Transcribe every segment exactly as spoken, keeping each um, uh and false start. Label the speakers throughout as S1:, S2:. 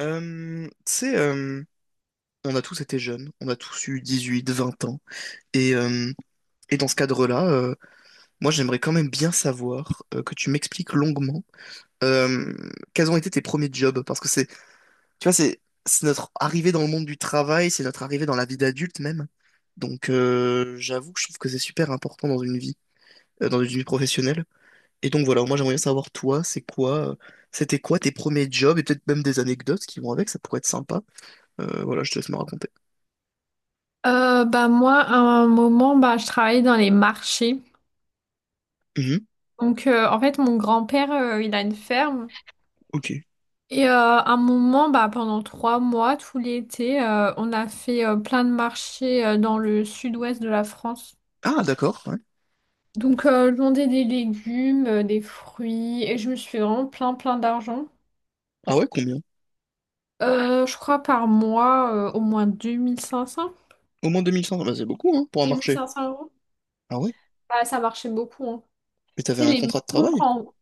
S1: Euh, tu sais, euh, on a tous été jeunes, on a tous eu dix-huit, vingt ans. Et, euh, et dans ce cadre-là, euh, moi j'aimerais quand même bien savoir euh, que tu m'expliques longuement euh, quels ont été tes premiers jobs. Parce que c'est, tu vois, c'est c'est notre arrivée dans le monde du travail, c'est notre arrivée dans la vie d'adulte même. Donc euh, j'avoue que je trouve que c'est super important dans une vie, euh, dans une vie professionnelle. Et donc voilà, moi j'aimerais bien savoir toi, c'est quoi, euh, c'était quoi tes premiers jobs et peut-être même des anecdotes qui vont avec, ça pourrait être sympa. Euh, voilà, je te laisse me raconter.
S2: Euh, bah moi, à un moment, bah, je travaillais dans les marchés.
S1: Mhm,
S2: Donc, euh, en fait, mon grand-père, euh, il a une ferme.
S1: ok.
S2: Et euh, à un moment, bah, pendant trois mois, tout l'été, euh, on a fait euh, plein de marchés euh, dans le sud-ouest de la France.
S1: Ah, d'accord, ouais.
S2: Donc, euh, je vendais des légumes, euh, des fruits, et je me suis fait vraiment plein, plein d'argent.
S1: Ah ouais, combien?
S2: Euh, je crois par mois, euh, au moins deux deux mille mille cinq cents
S1: Au moins deux mille cinq cents, bah, c'est beaucoup, hein, pour un
S2: deux mille
S1: marché.
S2: cinq cents euros.
S1: Ah ouais?
S2: Bah, ça marchait beaucoup, hein.
S1: Mais t'avais
S2: Tu sais,
S1: un
S2: les
S1: contrat de
S2: maisons,
S1: travail?
S2: quand.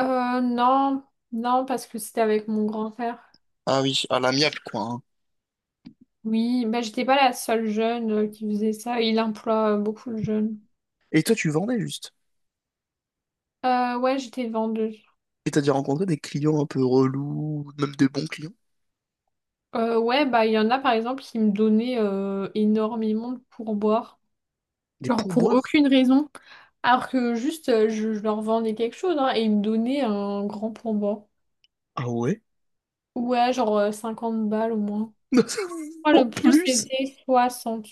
S2: Euh, non, non, parce que c'était avec mon grand frère.
S1: Ah oui, à l'amiable, quoi, hein.
S2: Oui, bah, j'étais pas la seule jeune euh, qui faisait ça. Il emploie euh, beaucoup de jeunes.
S1: Et toi, tu vendais juste.
S2: Euh, ouais, j'étais vendeuse.
S1: Et t'as déjà rencontré des clients un peu relous, ou même des bons clients?
S2: Euh, ouais, bah, il y en a par exemple qui me donnaient euh, énormément de pourboire.
S1: Des
S2: Genre pour
S1: pourboires?
S2: aucune raison. Alors que juste, euh, je, je leur vendais quelque chose, hein, et ils me donnaient un grand pourboire.
S1: Ah ouais?
S2: Ouais, genre euh, cinquante balles au moins. Moi
S1: En
S2: le plus,
S1: plus?
S2: c'était soixante.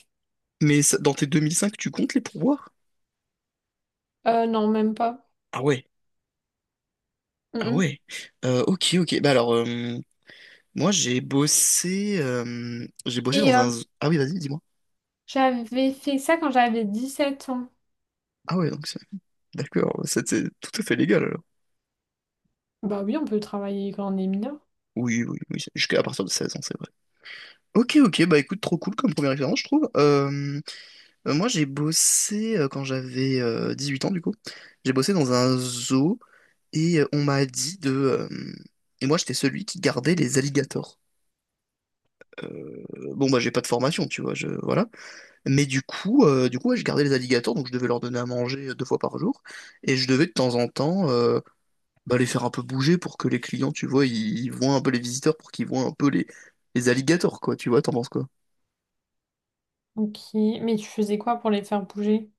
S1: Mais ça- dans tes deux mille cinq, tu comptes les pourboires?
S2: Euh, non, même pas.
S1: Ah ouais,
S2: Mm,
S1: ah
S2: mm.
S1: ouais. Euh, ok, ok. Bah alors, euh, moi, j'ai bossé, euh, j'ai bossé
S2: Et
S1: dans
S2: euh,
S1: un... Ah oui, vas-y, dis-moi.
S2: j'avais fait ça quand j'avais dix-sept ans.
S1: Ah ouais, donc c'est... D'accord, c'était tout à fait légal, alors.
S2: Bah oui, on peut travailler quand on est mineur.
S1: Oui, oui, oui, c'est- jusqu'à partir de seize ans, c'est vrai. Ok, ok, bah écoute, trop cool comme première expérience, je trouve. Euh, euh, moi, j'ai bossé euh, quand j'avais euh, dix-huit ans, du coup. J'ai bossé dans un zoo et euh, on m'a dit de. Euh, Et moi, j'étais celui qui gardait les alligators. Euh, Bon, bah, j'ai pas de formation, tu vois, je... voilà. Mais du coup, euh, du coup ouais, je gardais les alligators, donc je devais leur donner à manger euh, deux fois par jour. Et je devais de temps en temps, euh, bah, les faire un peu bouger pour que les clients, tu vois, ils, ils voient un peu les visiteurs, pour qu'ils voient un peu les, les alligators, quoi. Tu vois, t'en penses quoi?
S2: Ok, mais tu faisais quoi pour les faire bouger?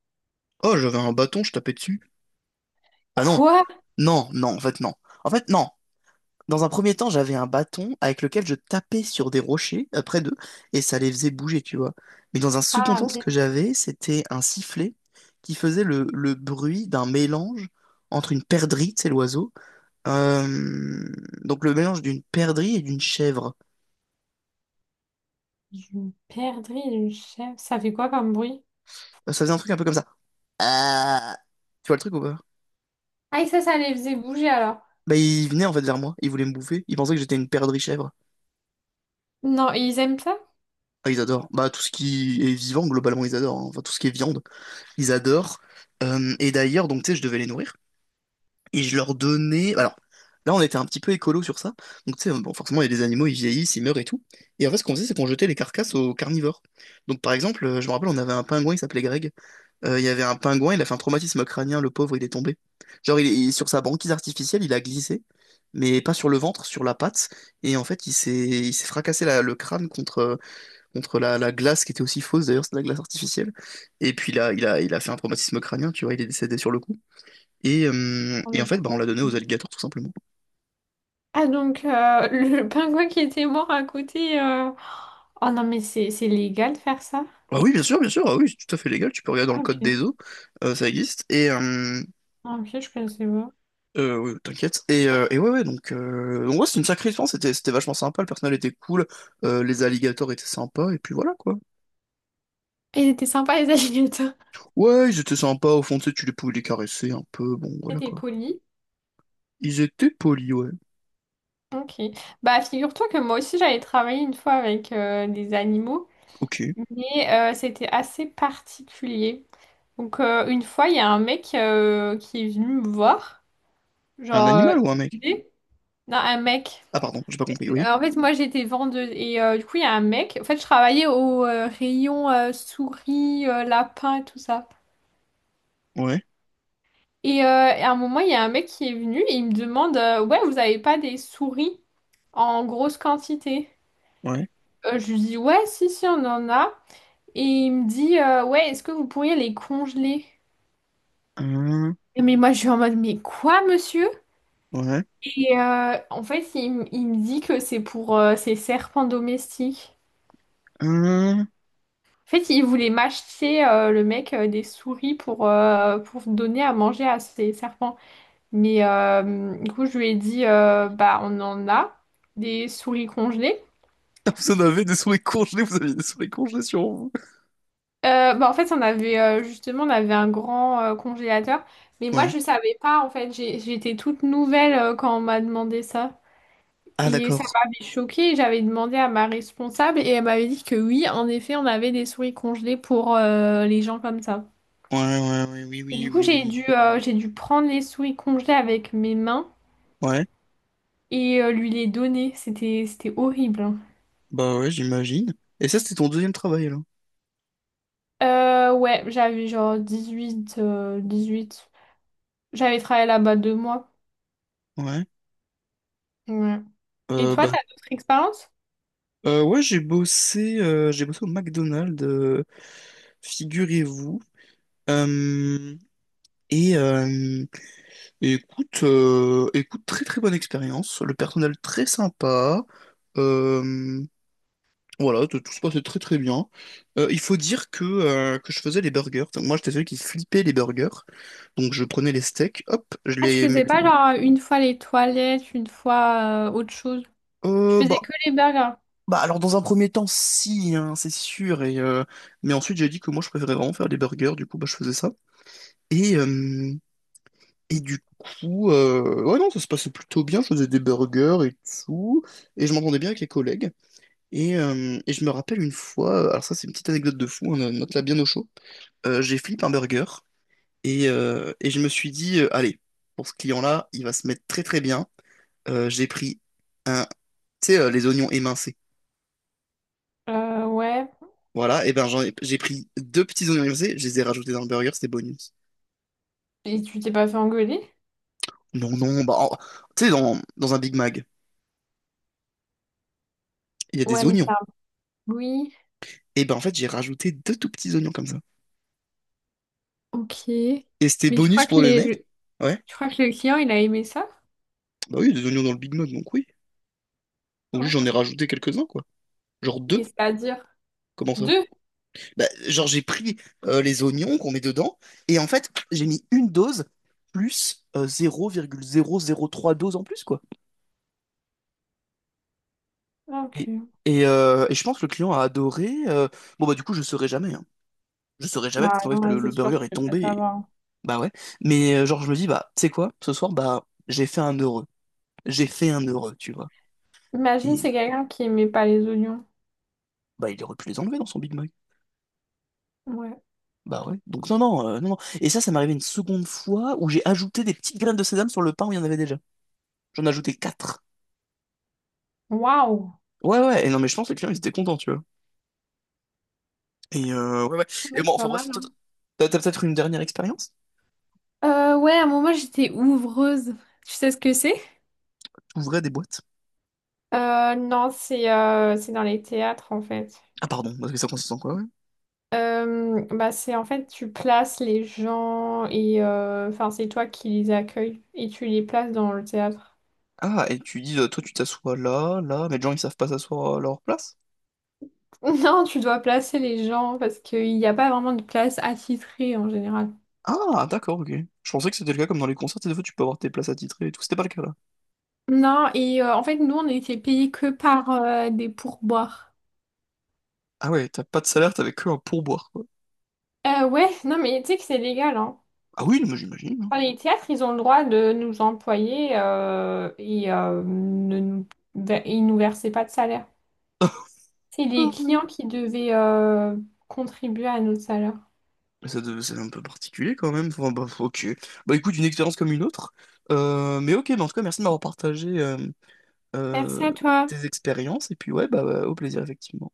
S1: Oh, j'avais un bâton, je tapais dessus. Bah non,
S2: Quoi?
S1: non, non, en fait non. En fait non. Dans un premier temps, j'avais un bâton avec lequel je tapais sur des rochers euh, près d'eux, et ça les faisait bouger, tu vois. Mais dans un second
S2: Ah,
S1: temps, ce
S2: ok.
S1: que j'avais, c'était un sifflet qui faisait le, le bruit d'un mélange entre une perdrix, c'est l'oiseau, euh, donc le mélange d'une perdrix et d'une chèvre.
S2: Une perdrix, une chèvre. Ça fait quoi comme bruit?
S1: Euh, Ça faisait un truc un peu comme ça. Ah. Tu vois le truc ou pas?
S2: Ah, et ça, ça les faisait bouger alors.
S1: Bah, ils venaient en fait vers moi, ils voulaient me bouffer, ils pensaient que j'étais une perdrix chèvre.
S2: Non, et ils aiment ça?
S1: Ah, ils adorent. Bah, tout ce qui est vivant, globalement, ils adorent, hein. Enfin, tout ce qui est viande, ils adorent. Euh, et d'ailleurs, donc, tu sais, je devais les nourrir. Et je leur donnais. Alors, là, on était un petit peu écolo sur ça. Donc, tu sais, bon, forcément, il y a des animaux, ils vieillissent, ils meurent et tout. Et en fait, ce qu'on faisait, c'est qu'on jetait les carcasses aux carnivores. Donc, par exemple, euh, je me rappelle, on avait un pingouin, il s'appelait Greg. Euh, il y avait un pingouin, il a fait un traumatisme crânien, le pauvre, il est tombé. Genre, il est il- sur sa banquise artificielle, il a glissé, mais pas sur le ventre, sur la patte. Et en fait, il s'est il s'est fracassé la- le crâne contre, euh, contre la, la glace, qui était aussi fausse d'ailleurs, c'est de la glace artificielle. Et puis là, il a, il a fait un traumatisme crânien, tu vois, il est décédé sur le coup. Et, euh,
S2: On
S1: et
S2: est
S1: en fait, bah, on l'a
S2: pauvres.
S1: donné aux alligators, tout simplement.
S2: Ah, donc euh, le pingouin qui était mort à côté. euh, Oh non, mais c'est c'est légal de faire ça?
S1: Ah oui, bien sûr, bien sûr, ah oui, c'est tout à fait légal, tu peux regarder dans
S2: Ah,
S1: le code
S2: ok.
S1: des eaux, euh, ça existe. Et, euh,
S2: Ah, ok, je connaissais pas.
S1: Euh, ouais, t'inquiète. Et, euh, et ouais, ouais, donc, euh, donc ouais, c'est une sacrée expérience, c'était, c'était vachement sympa, le personnel était cool, euh, les alligators étaient sympas, et puis voilà, quoi.
S2: Et ils étaient sympas, les alligators.
S1: Ouais, ils étaient sympas, au fond, tu sais, tu les pouvais les caresser un peu, bon,
S2: Ils
S1: voilà,
S2: étaient
S1: quoi.
S2: polis.
S1: Ils étaient polis, ouais.
S2: Ok. Bah, figure-toi que moi aussi, j'avais travaillé une fois avec euh, des animaux,
S1: Ok.
S2: mais euh, c'était assez particulier. Donc, euh, une fois, il y a un mec euh, qui est venu me voir.
S1: Un
S2: Genre, euh,
S1: animal ou un mec?
S2: il me disait- non, un mec.
S1: Ah, pardon, j'ai pas compris, oui.
S2: Euh, En fait, moi, j'étais vendeuse. Et euh, du coup, il y a un mec. En fait, je travaillais au euh, rayon euh, souris, euh, lapins, tout ça.
S1: Ouais,
S2: Et euh, à un moment, il y a un mec qui est venu et il me demande, euh, ouais, vous avez pas des souris en grosse quantité?
S1: ouais.
S2: Euh, je lui dis, ouais, si, si, on en a. Et il me dit, euh, ouais, est-ce que vous pourriez les congeler?
S1: Hum,
S2: Et mais moi, je suis en mode, mais quoi, monsieur?
S1: ouais.
S2: Et euh, en fait, il, m- il me dit que c'est pour euh, ces serpents domestiques.
S1: Hum.
S2: En fait, il voulait m'acheter, euh, le mec, euh, des souris pour, euh, pour donner à manger à ces serpents. Mais euh, du coup, je lui ai dit, euh, bah, on en a des souris congelées.
S1: Ah, vous en avez des souris congelés, vous aviez des souris congelées sur vous.
S2: Euh, bah, en fait, on avait, euh, justement, on avait un grand euh, congélateur. Mais moi,
S1: Ouais.
S2: je savais pas, en fait. J'ai- J'étais toute nouvelle euh, quand on m'a demandé ça.
S1: Ah,
S2: Et ça
S1: d'accord.
S2: m'avait choquée, j'avais demandé à ma responsable et elle m'avait dit que oui, en effet, on avait des souris congelées pour euh, les gens comme ça.
S1: Ouais, ouais, ouais, oui,
S2: Et
S1: oui,
S2: du coup,
S1: oui,
S2: j'ai
S1: oui.
S2: dû, euh, j'ai dû prendre les souris congelées avec mes mains
S1: Ouais.
S2: et euh, lui les donner. C'était, c'était horrible, hein.
S1: Bah ouais, j'imagine. Et ça, c'était ton deuxième travail, là.
S2: Euh, ouais, j'avais genre dix-huit euh, huit J'avais travaillé là-bas deux mois.
S1: Ouais.
S2: Ouais. Et
S1: Euh,
S2: toi,
S1: bah,
S2: t'as d'autres expériences?
S1: Euh, ouais, j'ai bossé, euh, j'ai bossé au McDonald's, euh, figurez-vous. Euh, et, euh, et écoute, euh, écoute, très très bonne expérience. Le personnel très sympa. Euh, voilà, tout, tout se passait très très bien. Euh, il faut dire que, euh, que je faisais les burgers. Donc, moi, j'étais celui qui flippait les burgers. Donc, je prenais les steaks, hop, je
S2: Ah, tu
S1: les
S2: faisais
S1: mettais
S2: pas
S1: dans.
S2: genre une fois les toilettes, une fois euh, autre chose. Tu
S1: Euh,
S2: faisais
S1: bah,
S2: que les burgers.
S1: Bah alors, dans un premier temps, si hein, c'est sûr, et euh, mais ensuite j'ai dit que moi je préférais vraiment faire des burgers, du coup bah je faisais ça, et euh, et du coup, euh, ouais, non ça se passait plutôt bien, je faisais des burgers et tout, et je m'entendais bien avec les collègues, et, euh, et je me rappelle une fois, euh, alors ça c'est une petite anecdote de fou, hein, euh, note-la bien au chaud. Euh, j'ai flippé un burger, et, euh, et je me suis dit, euh, allez, pour ce client-là, il va se mettre très très bien. Euh, j'ai pris un, tu sais, euh, les oignons émincés.
S2: Euh, ouais.
S1: Voilà, et ben j'en ai- j'ai pris deux petits oignons épicés, je les ai rajoutés dans le burger, c'était bonus.
S2: Et tu t'es pas fait engueuler?
S1: Non, non, bah, en- tu sais, dans, dans un Big Mac, il y a des
S2: Ouais, mais
S1: oignons.
S2: ça. Oui,
S1: Et ben en fait, j'ai rajouté deux tout petits oignons comme ça.
S2: ok.
S1: Et c'était
S2: Mais je
S1: bonus
S2: crois que
S1: pour le
S2: les...
S1: mec.
S2: le-
S1: Ouais,
S2: je crois que le client, il a aimé ça.
S1: bah oui, il y a des oignons dans le Big Mac, donc oui. Donc juste, j'en ai
S2: Ok.
S1: rajouté quelques-uns, quoi. Genre
S2: Et
S1: deux,
S2: c'est-à-dire
S1: comment ça?
S2: deux.
S1: Bah, genre, j'ai pris euh, les oignons qu'on met dedans, et en fait, j'ai mis une dose plus euh, zéro virgule zéro zéro trois doses en plus, quoi.
S2: Ok.
S1: Et, et, euh, et je pense que le client a adoré. euh, Bon, bah, du coup, je saurais jamais, hein. Je saurais jamais parce
S2: Bah
S1: qu'en
S2: non,
S1: fait
S2: là,
S1: le, le
S2: c'est sûr, je
S1: burger est
S2: peux pas
S1: tombé, et-
S2: savoir.
S1: bah ouais. Mais euh, genre je me dis, bah tu sais quoi, ce soir, bah j'ai fait un heureux. J'ai fait un heureux, tu vois.
S2: Imagine,
S1: Et euh,
S2: c'est quelqu'un qui aimait pas les oignons.
S1: bah il aurait pu les enlever dans son Big Mac.
S2: Ouais.
S1: Bah ouais. Donc non non, euh, non non. Et ça ça m'est arrivé une seconde fois où j'ai ajouté des petites graines de sésame sur le pain où il y en avait déjà. J'en ai ajouté quatre.
S2: Waouh.
S1: Ouais ouais. Et non mais je pense que les clients ils étaient contents, tu vois. Et euh, ouais ouais. Et
S2: Ouais,
S1: bon,
S2: c'est
S1: enfin
S2: pas mal,
S1: bref, toi,
S2: hein.
S1: t'as t'as peut-être une dernière expérience?
S2: Euh, ouais, à un moment, j'étais ouvreuse. Tu sais ce que c'est?
S1: T'ouvrais des boîtes?
S2: Euh, non, c'est euh, c'est dans les théâtres, en fait.
S1: Ah pardon, parce que ça consiste en quoi, ouais?
S2: Euh, bah c'est en fait tu places les gens et euh, enfin c'est toi qui les accueilles et tu les places dans le théâtre.
S1: Ah, et tu dis, euh, toi tu t'assois là, là, mais les gens ils savent pas s'asseoir à leur place?
S2: Non, tu dois placer les gens parce qu'il n'y a pas vraiment de place attitrée en général.
S1: Ah, d'accord, ok. Je pensais que c'était le cas comme dans les concerts, des fois tu peux avoir tes places attitrées et tout. C'était pas le cas là.
S2: Non, et euh, en fait, nous, on était payés que par euh, des pourboires.
S1: Ah ouais, t'as pas de salaire, t'avais que un pourboire, quoi.
S2: Euh, ouais, non, mais tu sais que c'est légal, hein.
S1: Ah oui, non, mais j'imagine, hein.
S2: Enfin, les théâtres, ils ont le droit de nous employer euh, et euh, ne nous, de- ils nous versaient pas de salaire. C'est les
S1: Ah
S2: clients
S1: oui.
S2: qui devaient euh, contribuer à notre salaire.
S1: Mais ça devait- c'est un peu particulier quand même. Enfin, bah, ok. Bah écoute, une expérience comme une autre. Euh, mais ok, mais en tout cas, merci de m'avoir partagé euh,
S2: Merci
S1: euh,
S2: à toi.
S1: tes expériences. Et puis ouais, bah, bah, au plaisir, effectivement.